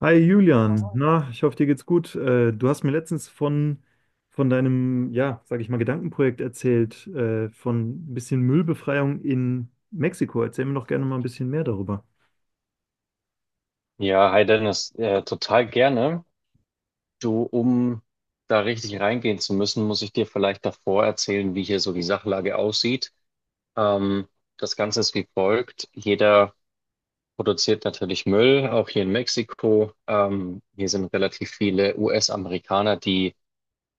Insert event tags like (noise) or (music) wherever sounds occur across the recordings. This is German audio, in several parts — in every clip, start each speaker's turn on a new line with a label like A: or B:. A: Hi Julian, na, ich hoffe, dir geht's gut. Du hast mir letztens von deinem, ja, sag ich mal, Gedankenprojekt erzählt, von ein bisschen Müllbefreiung in Mexiko. Erzähl mir doch gerne mal ein bisschen mehr darüber.
B: Ja, hi Dennis, total gerne. Du, um da richtig reingehen zu müssen, muss ich dir vielleicht davor erzählen, wie hier so die Sachlage aussieht. Ähm, Das Ganze ist wie folgt. Jeder produziert natürlich Müll, auch hier in Mexiko. Hier sind relativ viele US-Amerikaner, die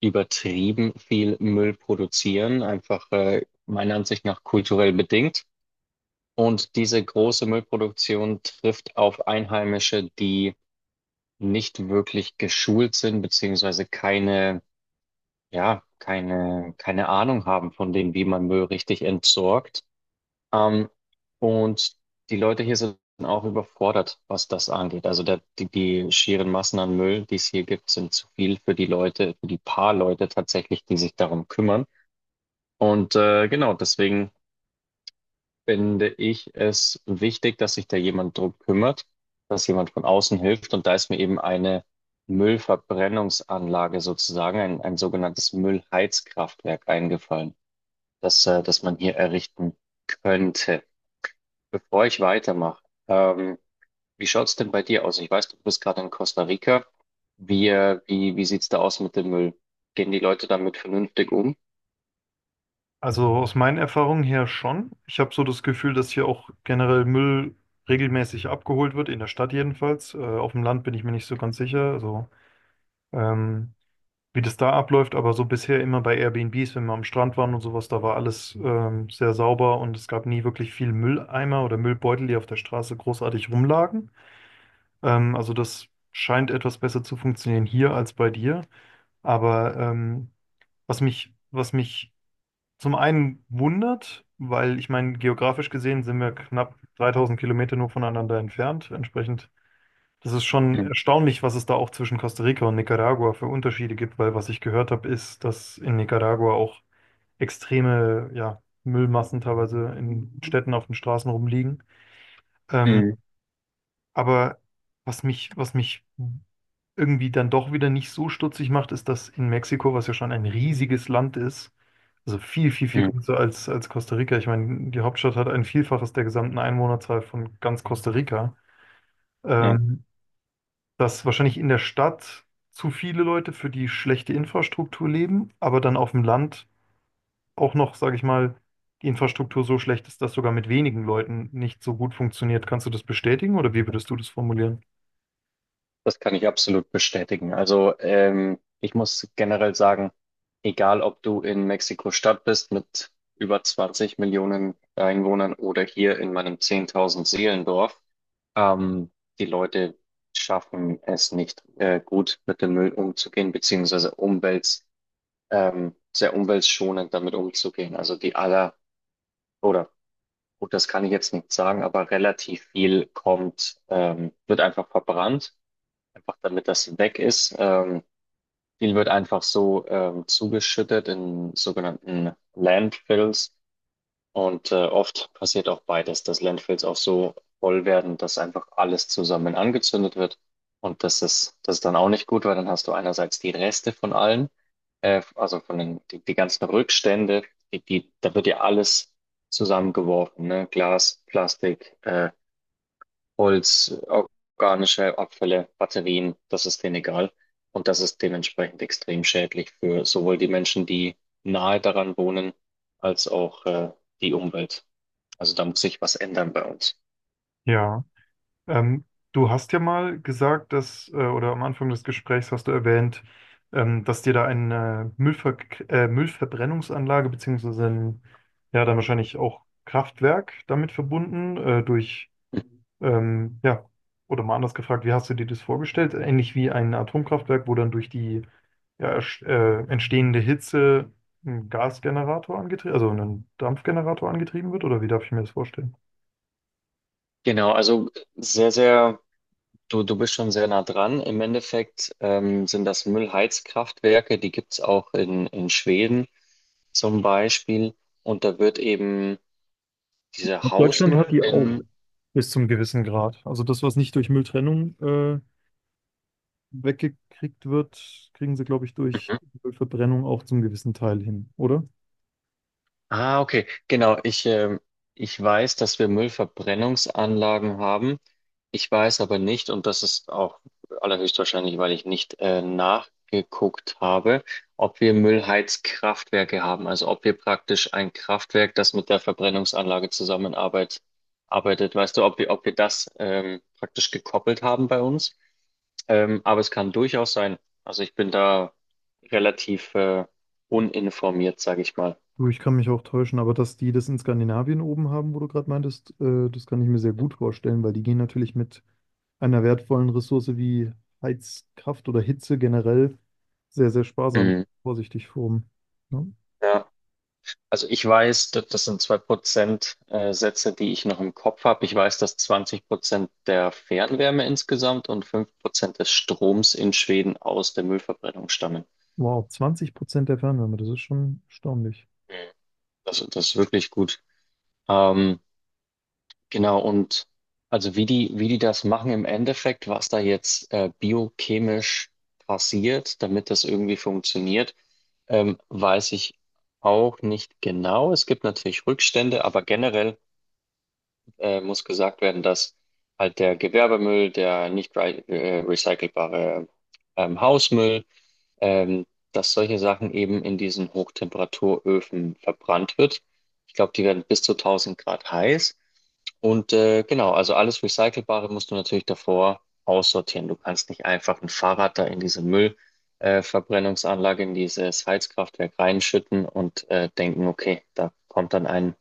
B: übertrieben viel Müll produzieren, einfach meiner Ansicht nach kulturell bedingt. Und diese große Müllproduktion trifft auf Einheimische, die nicht wirklich geschult sind, beziehungsweise keine, ja, keine Ahnung haben von dem, wie man Müll richtig entsorgt. Ähm, und die Leute hier sind auch überfordert, was das angeht. Also die schieren Massen an Müll, die es hier gibt, sind zu viel für die Leute, für die paar Leute tatsächlich, die sich darum kümmern. Und genau, deswegen finde ich es wichtig, dass sich da jemand drum kümmert, dass jemand von außen hilft. Und da ist mir eben eine Müllverbrennungsanlage sozusagen, ein sogenanntes Müllheizkraftwerk eingefallen, das man hier errichten könnte. Bevor ich weitermache, ähm, wie schaut's denn bei dir aus? Ich weiß, du bist gerade in Costa Rica. Wie sieht's da aus mit dem Müll? Gehen die Leute damit vernünftig um?
A: Also aus meinen Erfahrungen her schon. Ich habe so das Gefühl, dass hier auch generell Müll regelmäßig abgeholt wird, in der Stadt jedenfalls. Auf dem Land bin ich mir nicht so ganz sicher. Also ähm, wie das da abläuft, aber so bisher immer bei Airbnbs, wenn wir am Strand waren und sowas, da war alles sehr sauber und es gab nie wirklich viel Mülleimer oder Müllbeutel, die auf der Straße großartig rumlagen. Also das scheint etwas besser zu funktionieren hier als bei dir. Aber was mich zum einen wundert, weil ich meine, geografisch gesehen sind wir knapp 3000 Kilometer nur voneinander entfernt. Entsprechend, das ist schon
B: Mhm.
A: erstaunlich, was es da auch zwischen Costa Rica und Nicaragua für Unterschiede gibt, weil was ich gehört habe, ist, dass in Nicaragua auch extreme, ja, Müllmassen teilweise in Städten auf den Straßen rumliegen. Ähm,
B: Mhm.
A: aber was mich irgendwie dann doch wieder nicht so stutzig macht, ist, dass in Mexiko, was ja schon ein riesiges Land ist, also viel, viel, viel
B: Mhm.
A: größer als, als Costa Rica. Ich meine, die Hauptstadt hat ein Vielfaches der gesamten Einwohnerzahl von ganz Costa Rica. Ähm, Dass wahrscheinlich in der Stadt zu viele Leute für die schlechte Infrastruktur leben, aber dann auf dem Land auch noch, sage ich mal, die Infrastruktur so schlecht ist, dass sogar mit wenigen Leuten nicht so gut funktioniert. Kannst du das bestätigen oder wie würdest du das formulieren?
B: Das kann ich absolut bestätigen. Also ich muss generell sagen, egal ob du in Mexiko-Stadt bist mit über 20 Millionen Einwohnern oder hier in meinem 10.000 Seelendorf, ähm, die Leute schaffen es nicht gut mit dem Müll umzugehen, beziehungsweise sehr umweltschonend damit umzugehen. Also oder gut, das kann ich jetzt nicht sagen, aber relativ viel wird einfach verbrannt, einfach damit das weg ist. Viel wird einfach so zugeschüttet in sogenannten Landfills, und oft passiert auch beides, dass Landfills auch so voll werden, dass einfach alles zusammen angezündet wird. Und das ist dann auch nicht gut, weil dann hast du einerseits die Reste von allen, also von die ganzen Rückstände, da wird ja alles zusammengeworfen, ne? Glas, Plastik, Holz, organische Abfälle, Batterien, das ist denen egal. Und das ist dementsprechend extrem schädlich für sowohl die Menschen, die nahe daran wohnen, als auch die Umwelt. Also da muss sich was ändern bei uns.
A: Ja, ähm, du hast ja mal gesagt, dass, oder am Anfang des Gesprächs hast du erwähnt, dass dir da eine Müllverbrennungsanlage beziehungsweise ein, ja, dann wahrscheinlich auch Kraftwerk damit verbunden, durch.
B: Mhm.
A: Ja, oder mal anders gefragt, wie hast du dir das vorgestellt? Ähnlich wie ein Atomkraftwerk, wo dann durch die, ja, entstehende Hitze ein Gasgenerator angetrieben, also ein Dampfgenerator angetrieben wird, oder wie darf ich mir das vorstellen?
B: Genau, also sehr, sehr, du bist schon sehr nah dran. Im Endeffekt sind das Müllheizkraftwerke, die gibt's auch in, Schweden zum Beispiel. Und da wird eben dieser
A: Glaube, Deutschland hat
B: Hausmüll
A: die auch
B: in,
A: bis zum gewissen Grad. Also das, was nicht durch Mülltrennung weggekriegt wird, kriegen sie, glaube ich, durch
B: Mhm.
A: Verbrennung auch zum gewissen Teil hin, oder?
B: Ah, okay, genau. Ich weiß, dass wir Müllverbrennungsanlagen haben. Ich weiß aber nicht, und das ist auch allerhöchstwahrscheinlich, weil ich nicht nachgeguckt habe, ob wir Müllheizkraftwerke haben. Also ob wir praktisch ein Kraftwerk, das mit der Verbrennungsanlage zusammenarbeitet, arbeitet. Weißt du, ob wir das praktisch gekoppelt haben bei uns? Aber es kann durchaus sein. Also ich bin da relativ uninformiert, sage ich mal.
A: Du, ich kann mich auch täuschen, aber dass die das in Skandinavien oben haben, wo du gerade meintest, das kann ich mir sehr gut vorstellen, weil die gehen natürlich mit einer wertvollen Ressource wie Heizkraft oder Hitze generell sehr, sehr sparsam,
B: Mhm.
A: vorsichtig vorm. Ja.
B: Ja. Also ich weiß, das sind 2% Sätze, die ich noch im Kopf habe. Ich weiß, dass 20% der Fernwärme insgesamt und 5% des Stroms in Schweden aus der Müllverbrennung stammen.
A: Wow, 20% der Fernwärme, das ist schon erstaunlich.
B: Mhm. Das ist wirklich gut. Ähm, genau, und also wie die das machen im Endeffekt, was da jetzt biochemisch passiert, damit das irgendwie funktioniert, weiß ich auch nicht genau. Es gibt natürlich Rückstände, aber generell muss gesagt werden, dass halt der Gewerbemüll, der nicht recycelbare Hausmüll, ähm, dass solche Sachen eben in diesen Hochtemperaturöfen verbrannt wird. Ich glaube, die werden bis zu 1000 Grad heiß. Und genau, also alles Recycelbare musst du natürlich davor aussortieren. Du kannst nicht einfach ein Fahrrad da in diese Verbrennungsanlage, in dieses Heizkraftwerk reinschütten und denken, okay,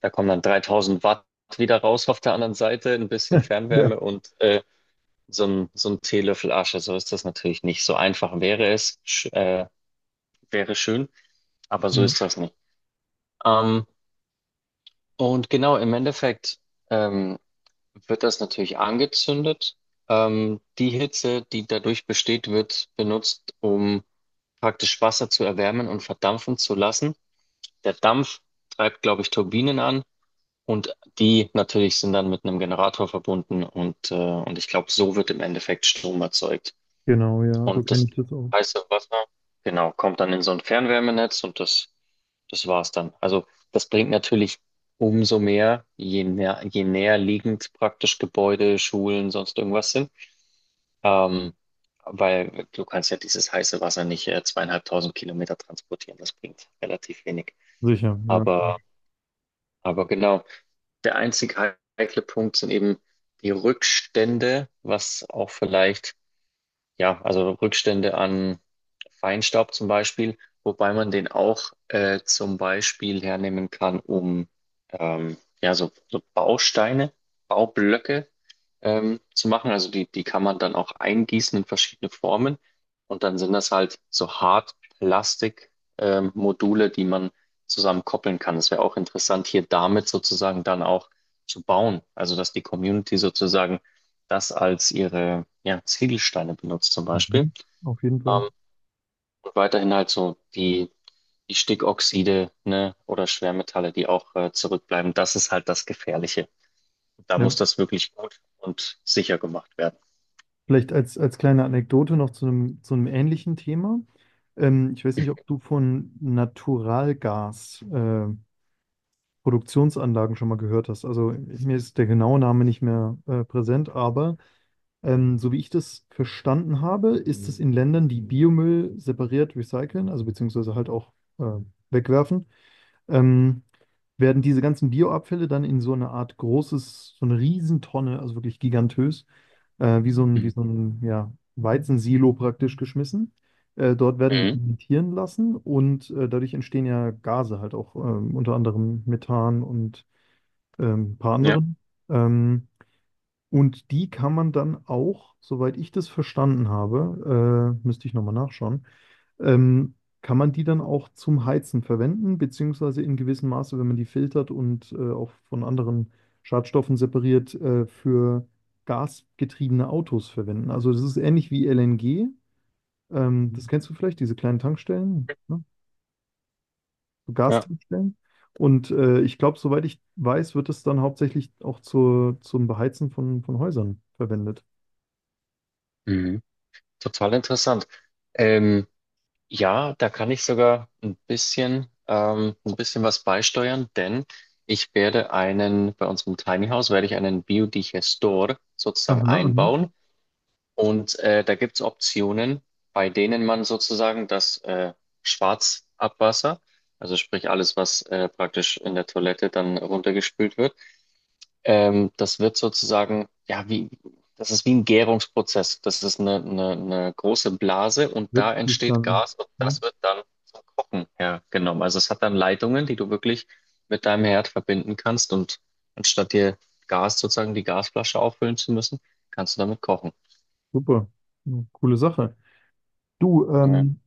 B: da kommen dann 3000 Watt wieder raus auf der anderen Seite, ein bisschen
A: (laughs) Ja.
B: Fernwärme und so ein Teelöffel Asche. So ist das natürlich nicht. So einfach wäre es, sch wäre schön, aber so
A: Ja.
B: ist das nicht. Ähm, und genau, im Endeffekt ähm, wird das natürlich angezündet. Die Hitze, die dadurch besteht, wird benutzt, um praktisch Wasser zu erwärmen und verdampfen zu lassen. Der Dampf treibt, glaube ich, Turbinen an. Und die natürlich sind dann mit einem Generator verbunden, und ich glaube, so wird im Endeffekt Strom erzeugt.
A: Genau, ja, so
B: Und
A: kenne
B: das
A: ich das auch.
B: heiße Wasser, genau, kommt dann in so ein Fernwärmenetz, und das war's dann. Also das bringt natürlich umso mehr, je näher liegend praktisch Gebäude, Schulen, sonst irgendwas sind. Ähm, weil du kannst ja dieses heiße Wasser nicht 2.500 Kilometer transportieren. Das bringt relativ wenig.
A: Sicher, ja.
B: Aber, aber genau. Der einzige heikle Punkt sind eben die Rückstände, was auch vielleicht, ja, also Rückstände an Feinstaub zum Beispiel, wobei man den auch zum Beispiel hernehmen kann, um ja, so Bausteine, Baublöcke zu machen. Also die kann man dann auch eingießen in verschiedene Formen. Und dann sind das halt so Hartplastik, Module, die man zusammen koppeln kann. Es wäre auch interessant, hier damit sozusagen dann auch zu bauen. Also dass die Community sozusagen das als ihre, Ziegelsteine benutzt zum Beispiel.
A: Mhm. Auf jeden Fall.
B: Ähm, Weiterhin halt so die Stickoxide, ne, oder Schwermetalle, die auch zurückbleiben. Das ist halt das Gefährliche. Da
A: Ja.
B: muss das wirklich gut und sicher gemacht werden.
A: Vielleicht als, als kleine Anekdote noch zu einem ähnlichen Thema. Ich weiß nicht, ob du von Naturalgas, Produktionsanlagen schon mal gehört hast. Also mir ist der genaue Name nicht mehr, präsent, aber so wie ich das verstanden habe, ist es in Ländern, die Biomüll separiert recyceln, also beziehungsweise halt auch äh, wegwerfen, ähm, werden diese ganzen Bioabfälle dann in so eine Art großes, so eine Riesentonne, also wirklich gigantös, wie
B: Mhm.
A: so ein, ja, Weizensilo praktisch geschmissen. Dort werden die
B: Mhm.
A: fermentieren lassen und dadurch entstehen ja Gase halt auch, unter anderem Methan und ein paar
B: Ja,
A: anderen. Ähm, und die kann man dann auch, soweit ich das verstanden habe, müsste ich nochmal nachschauen, ähm, kann man die dann auch zum Heizen verwenden, beziehungsweise in gewissem Maße, wenn man die filtert und auch von anderen Schadstoffen separiert, für gasgetriebene Autos verwenden? Also das ist ähnlich wie LNG. Das kennst du vielleicht, diese kleinen Tankstellen, ne? So
B: ja.
A: Gastankstellen. Und ich glaube, soweit ich weiß, wird es dann hauptsächlich auch zur, zum Beheizen von Häusern verwendet.
B: Mhm. Total interessant. Ähm, ja, da kann ich sogar ein bisschen was beisteuern, denn bei uns im Tiny House werde ich einen Biodigestor sozusagen
A: Aha, aha.
B: einbauen. Und da gibt es Optionen, bei denen man sozusagen das Schwarzabwasser, also sprich alles, was praktisch in der Toilette dann runtergespült wird, das wird sozusagen, ja, das ist wie ein Gärungsprozess. Das ist eine große Blase und da
A: Letztlich
B: entsteht
A: dann.
B: Gas und
A: Ne?
B: das wird dann zum Kochen hergenommen. Also es hat dann Leitungen, die du wirklich mit deinem Herd verbinden kannst, und anstatt dir Gas sozusagen die Gasflasche auffüllen zu müssen, kannst du damit kochen.
A: Super. Ja, coole Sache. Du,
B: Ja.
A: ähm.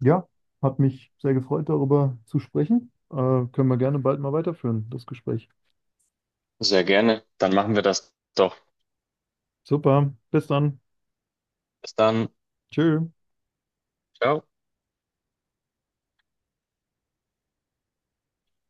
A: Ja, hat mich sehr gefreut, darüber zu sprechen. Können wir gerne bald mal weiterführen, das Gespräch.
B: Sehr gerne. Dann machen wir das doch.
A: Super, bis dann.
B: Bis dann.
A: Tschö.
B: Ciao.